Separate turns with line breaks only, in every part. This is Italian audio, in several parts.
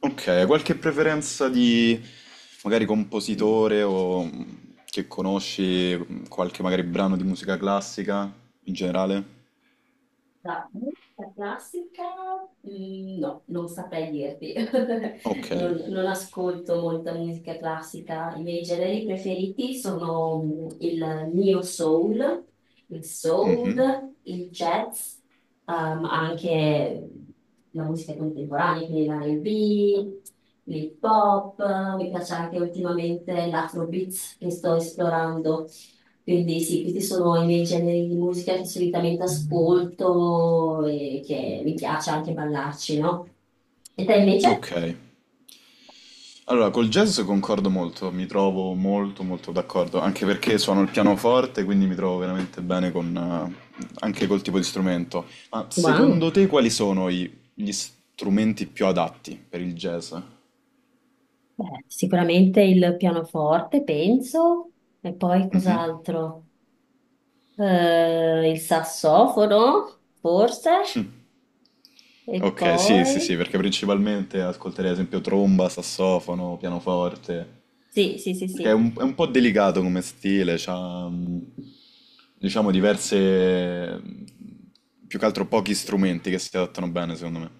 Ok, qualche preferenza di magari compositore o che conosci qualche magari brano di musica classica in generale?
Da musica classica? No, non saprei dirti.
Ok.
Non ascolto molta musica classica. I miei generi preferiti sono il neo
Mhm.
soul, il jazz, anche la musica contemporanea, quindi l'R&B, l'hip hop. Mi piace anche ultimamente l'afrobeat che sto esplorando. Quindi sì, questi sono i miei generi di musica che solitamente ascolto e che mi piace anche ballarci, no? E te invece?
Ok. Allora, col jazz concordo molto, mi trovo molto molto d'accordo, anche perché suono il pianoforte, quindi mi trovo veramente bene con, anche col tipo di strumento. Ma
Wow,
secondo te quali sono gli strumenti più adatti per il jazz?
beh, sicuramente il pianoforte, penso, e poi
Mhm.
cos'altro? Il sassofono, forse, e
Ok, sì,
poi...
sì, sì, perché principalmente ascolterei ad esempio tromba, sassofono, pianoforte,
Sì, sì, sì,
perché
sì.
è un po' delicato come stile, c'ha diciamo diverse, più che altro pochi strumenti che si adattano bene secondo me.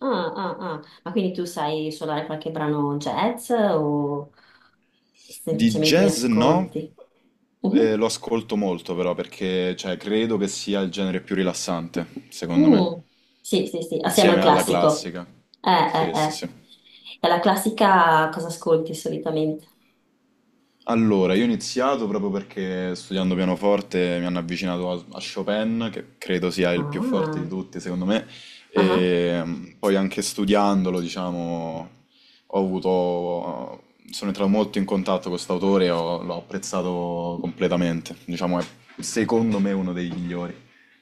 Ah, ah, ah. Ma quindi tu sai suonare qualche brano jazz o
Di
semplicemente ne
jazz no,
ascolti? Mhm.
lo ascolto molto però perché cioè, credo che sia il genere più rilassante, secondo me,
Mm, sì, sì, sì, assieme al
insieme alla
classico.
classica. Sì, sì,
Eh.
sì.
E la classica cosa ascolti solitamente?
Allora, io ho iniziato proprio perché studiando pianoforte mi hanno avvicinato a Chopin, che credo sia il più forte
Ah,
di tutti, secondo me,
ah, ah.
e poi anche studiandolo, diciamo, ho avuto, sono entrato molto in contatto con quest'autore e l'ho apprezzato completamente, diciamo, è secondo me uno dei migliori.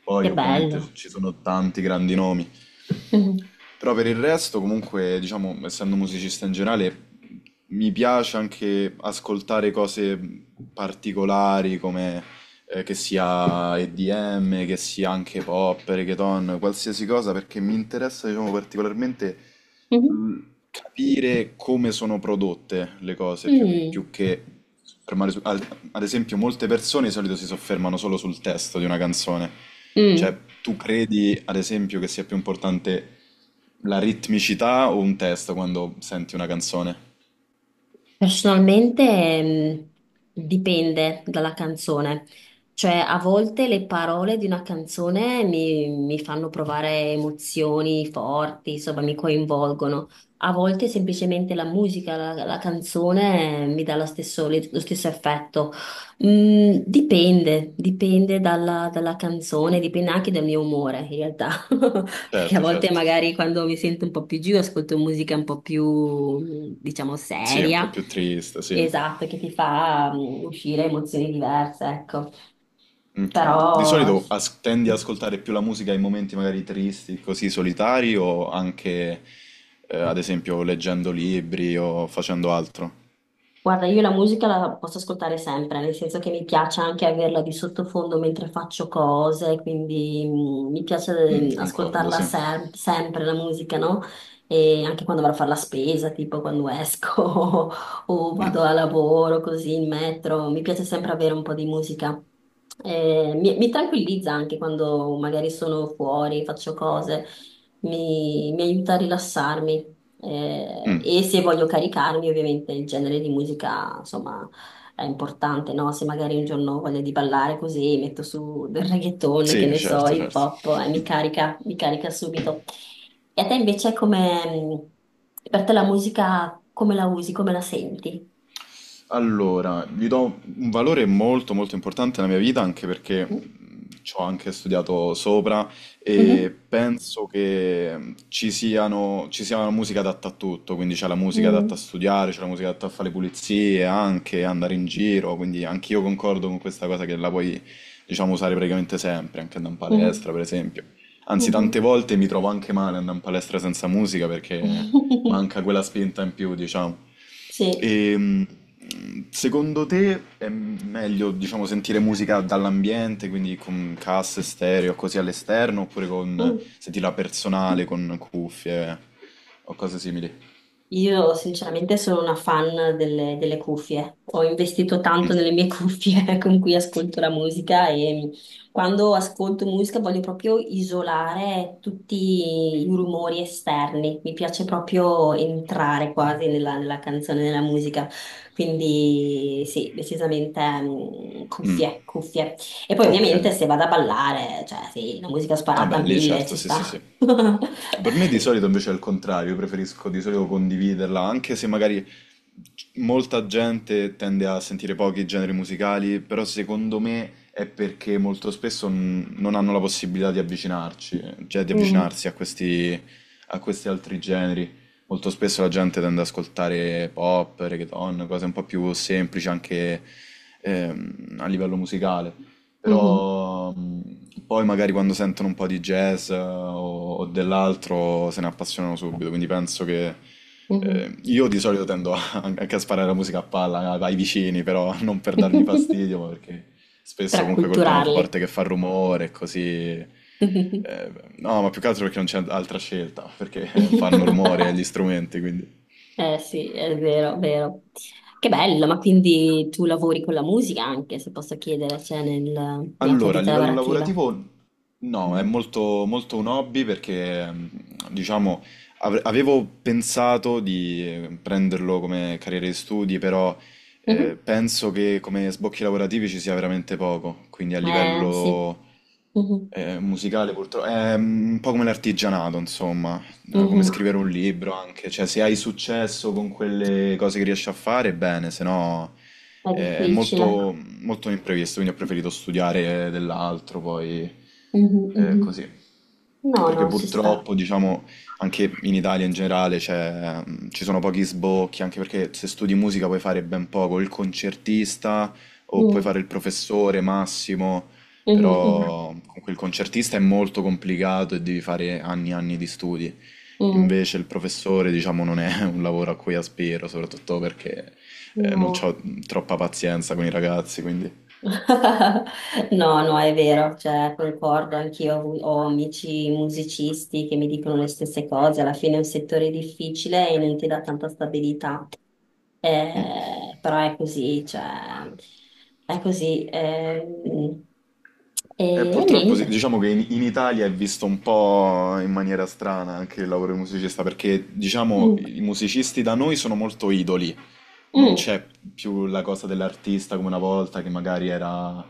Poi
Che
ovviamente
bello.
ci sono tanti grandi nomi,
Mhm,
però per il resto, comunque, diciamo, essendo musicista in generale, mi piace anche ascoltare cose particolari come che sia EDM, che sia anche pop, reggaeton, qualsiasi cosa, perché mi interessa, diciamo, particolarmente
mhm,
mh, capire come sono prodotte le cose, più
mm,
che fermare su... Ad esempio, molte persone di solito si soffermano solo sul testo di una canzone. Cioè,
mm.
tu credi, ad esempio, che sia più importante la ritmicità o un testo quando senti una canzone?
Personalmente, dipende dalla canzone, cioè a volte le parole di una canzone mi fanno provare emozioni forti, insomma mi coinvolgono, a volte semplicemente la musica, la canzone mi dà lo stesso, lo stesso effetto. Mm, dipende dalla, dalla canzone, dipende anche dal mio umore in realtà. Perché a
Certo,
volte
certo.
magari quando mi sento un po' più giù ascolto musica un po' più, diciamo,
Sì, è un po'
seria.
più triste, sì.
Esatto, che ti fa uscire emozioni diverse, ecco.
Ok. Di
Però
solito
s-
tendi ad ascoltare più la musica in momenti magari tristi, così solitari, o anche, ad esempio, leggendo libri o facendo altro?
Guarda, io la musica la posso ascoltare sempre, nel senso che mi piace anche averla di sottofondo mentre faccio cose, quindi mi piace
Mm, concordo,
ascoltarla
sì.
sempre la musica, no? E anche quando vado a fare la spesa, tipo quando esco o vado a lavoro, così in metro, mi piace sempre avere un po' di musica. Mi tranquillizza anche quando magari sono fuori, faccio cose, mi aiuta a rilassarmi. E se voglio caricarmi, ovviamente il genere di musica, insomma, è importante, no? Se magari un giorno ho voglia di ballare così, metto su del reggaeton, che
Sì,
ne so,
certo,
hip
certo.
hop, e mi carica subito. E a te invece come, per te la musica, come la usi, come la senti?
Allora, gli do un valore molto molto importante nella mia vita anche perché ci ho anche studiato sopra e
Mhm.
penso che ci sia una musica adatta a tutto, quindi c'è la musica adatta a
Mm.
studiare, c'è la musica adatta a fare le pulizie, anche andare in giro, quindi anch'io concordo con questa cosa che la puoi, diciamo, usare praticamente sempre, anche andare in
Mhm.
palestra, per esempio. Anzi, tante
Mhm.
volte mi trovo anche male andare in palestra senza musica perché manca quella spinta in più, diciamo.
Sì.
E, secondo te è meglio, diciamo, sentire musica dall'ambiente, quindi con casse, stereo, così all'esterno, oppure con
Mm.
sentirla personale, con cuffie o cose simili?
Io sinceramente sono una fan delle, delle cuffie, ho investito tanto nelle mie cuffie con cui ascolto la musica e quando ascolto musica voglio proprio isolare tutti i rumori esterni, mi piace proprio entrare quasi nella, nella canzone, nella musica, quindi sì, decisamente
Mm,
cuffie, cuffie. E poi
ok.
ovviamente se vado a ballare, cioè sì, la musica sparata
Vabbè,
a
lì
mille
certo,
ci
sì,
sta.
sì, sì. Per me di solito invece è il contrario, io preferisco di solito condividerla, anche se magari molta gente tende a sentire pochi generi musicali, però secondo me è perché molto spesso non hanno la possibilità di avvicinarci, cioè di
Mm,
avvicinarsi a questi altri generi. Molto spesso la gente tende ad ascoltare pop, reggaeton, cose un po' più semplici anche a livello musicale.
mhm,
Però poi magari quando sentono un po' di jazz o dell'altro se ne appassionano subito, quindi penso che
mhm.
io di solito anche a sparare la musica a palla ai vicini, però non per dargli fastidio, ma perché
Per
spesso comunque col
acculturarli.
pianoforte che fa rumore e così... eh, no, ma più che altro perché non c'è altra scelta, perché fanno rumore gli strumenti, quindi...
Eh sì, è vero, vero. Che bello, ma quindi tu lavori con la musica anche, se posso chiedere, cioè nella tua
Allora, a
vita
livello
lavorativa.
lavorativo no, è
Mhm.
molto un hobby perché, diciamo, avevo pensato di prenderlo come carriera di studi, però
Mhm.
penso che come sbocchi lavorativi ci sia veramente poco, quindi a
Eh sì,
livello
mhm.
musicale purtroppo è un po' come l'artigianato, insomma, come
Mhm.
scrivere un libro anche, cioè se hai successo con quelle cose che riesci a fare, bene, se no
È
è
difficile.
molto, molto imprevisto, quindi ho preferito studiare dell'altro poi
Mhm, mhm.
così.
No,
Perché
no, ci sta.
purtroppo, diciamo, anche in Italia in generale ci sono pochi sbocchi, anche perché se studi musica puoi fare ben poco, il concertista o puoi
Mm,
fare il professore massimo,
mhm, mhm,
però comunque il concertista è molto complicato e devi fare anni e anni di studi.
mm.
Invece il professore, diciamo, non è un lavoro a cui aspiro, soprattutto perché non
No.
ho troppa pazienza con i ragazzi, quindi...
No, no, è vero, cioè, concordo, anch'io ho, ho amici musicisti che mi dicono le stesse cose, alla fine è un settore difficile e non ti dà tanta stabilità. Però è così, cioè, è così. E,
E
e
purtroppo sì,
niente.
diciamo che in Italia è visto un po' in maniera strana anche il lavoro di musicista, perché diciamo
Mm,
i musicisti da noi sono molto idoli, non
mm,
c'è più la cosa dell'artista come una volta, che magari era,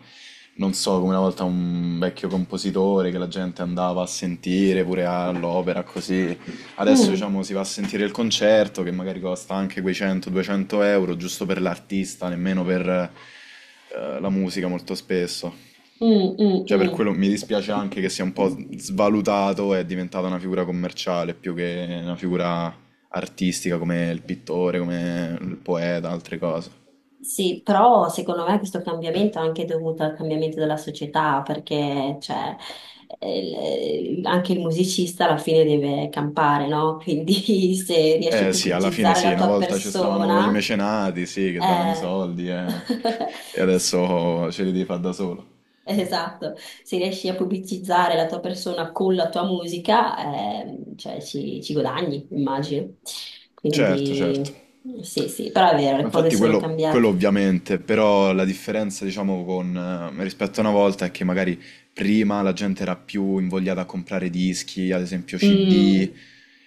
non so, come una volta un vecchio compositore che la gente andava a sentire pure all'opera, così. Adesso,
mm,
diciamo, si va a sentire il concerto che magari costa anche quei 100-200 euro, giusto per l'artista, nemmeno per la musica molto spesso.
mm, mm,
Cioè, per
mm.
quello mi dispiace anche che sia un po' svalutato e è diventata una figura commerciale più che una figura artistica come il pittore, come il poeta, altre cose.
Sì, però secondo me questo cambiamento è anche dovuto al cambiamento della società, perché cioè, anche il musicista alla fine deve campare, no? Quindi se riesci a
Eh sì, alla fine
pubblicizzare
sì,
la
una
tua
volta ci stavano i
persona,
mecenati, sì, che davano i
eh,
soldi e
s-
adesso ce li devi fare da solo.
esatto, se riesci a pubblicizzare la tua persona con la tua musica, cioè, ci guadagni, immagino.
Certo, certo.
Quindi sì, sì, però è vero, le
Ma
cose
infatti
sono
quello
cambiate.
ovviamente, però la differenza diciamo con, rispetto a una volta è che magari prima la gente era più invogliata a comprare dischi, ad esempio CD,
Mm,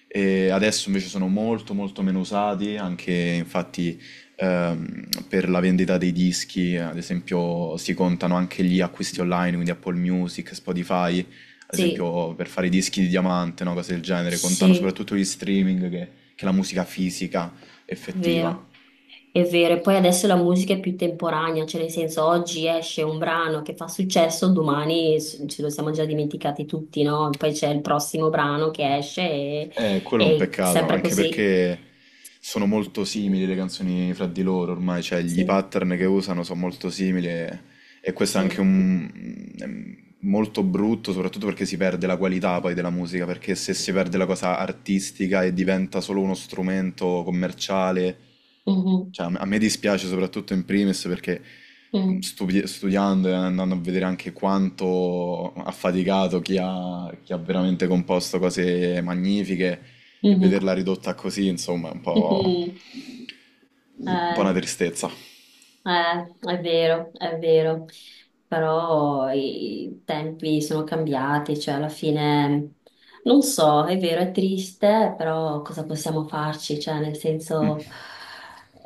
e adesso invece sono molto molto meno usati, anche infatti per la vendita dei dischi, ad esempio si contano anche gli acquisti online, quindi Apple Music, Spotify, ad
sì.
esempio per fare i dischi di diamante, no, cose del genere, contano
Sì,
soprattutto gli streaming che la musica fisica effettiva.
vero, è vero. E poi adesso la musica è più temporanea, cioè nel senso oggi esce un brano che fa successo, domani ce lo siamo già dimenticati tutti, no? Poi c'è il prossimo brano che esce
Quello è un
e
peccato,
sempre
anche
così.
perché sono molto simili le canzoni fra di loro ormai, cioè gli
Sì,
pattern che usano sono molto simili. E questo è anche
sì.
un... è molto brutto, soprattutto perché si perde la qualità poi della musica, perché se si perde la cosa artistica e diventa solo uno strumento commerciale,
Mhm,
cioè a me dispiace soprattutto in primis perché
mm,
studiando e andando a vedere anche quanto ha faticato chi ha veramente composto cose magnifiche e
mhm,
vederla ridotta così, insomma, è
mhm.
un po'
Eh.
una tristezza.
È vero, però i tempi sono cambiati, cioè alla fine non so, è vero, è triste, però cosa possiamo farci? Cioè, nel
Mm,
senso,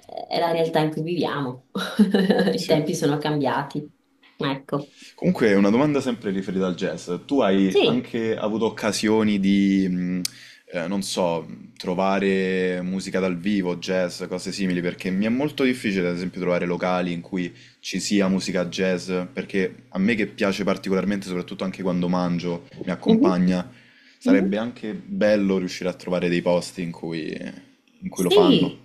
è la realtà in cui viviamo. I
sì.
tempi sono cambiati, ecco,
Comunque, una domanda sempre riferita al jazz. Tu hai
sì.
anche avuto occasioni di, non so, trovare musica dal vivo, jazz, cose simili, perché mi è molto difficile, ad esempio, trovare locali in cui ci sia musica jazz, perché a me che piace particolarmente, soprattutto anche quando mangio, mi
Mhm,
accompagna, sarebbe
mhm.
anche bello riuscire a trovare dei posti in cui lo fanno.
Sì,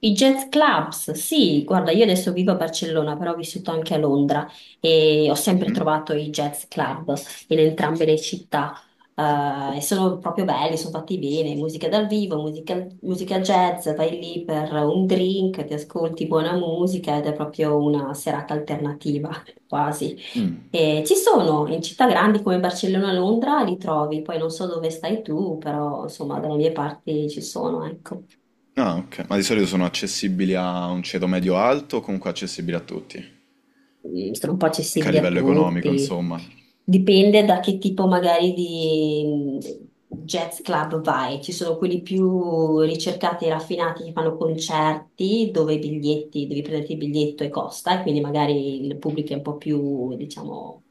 i jazz clubs, sì, guarda, io adesso vivo a Barcellona, però ho vissuto anche a Londra e ho sempre
Mhm.
trovato i jazz club in entrambe le città. E sono proprio belli, sono fatti bene, musica dal vivo, musica, musica jazz, vai lì per un drink, ti ascolti buona musica ed è proprio una serata alternativa, quasi.
Mm.
E ci sono in città grandi come Barcellona, Londra, li trovi, poi non so dove stai tu, però insomma dalle mie parti ci sono, ecco.
Ah, ok. Ma di solito sono accessibili a un ceto medio-alto o comunque accessibili a tutti?
Mm, sono un po'
Anche a
accessibili a
livello economico,
tutti.
insomma.
Dipende da che tipo magari di jazz club vai. Ci sono quelli più ricercati e raffinati che fanno concerti dove i biglietti, devi prenderti il biglietto e costa, e quindi magari il pubblico è un po' più, diciamo,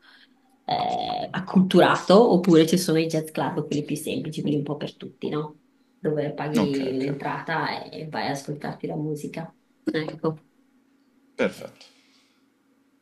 acculturato, oppure ci sono i jazz club, quelli più semplici, quelli un po' per tutti, no? Dove
Ok,
paghi
ok.
l'entrata e vai ad ascoltarti la musica. Ecco.
Perfetto.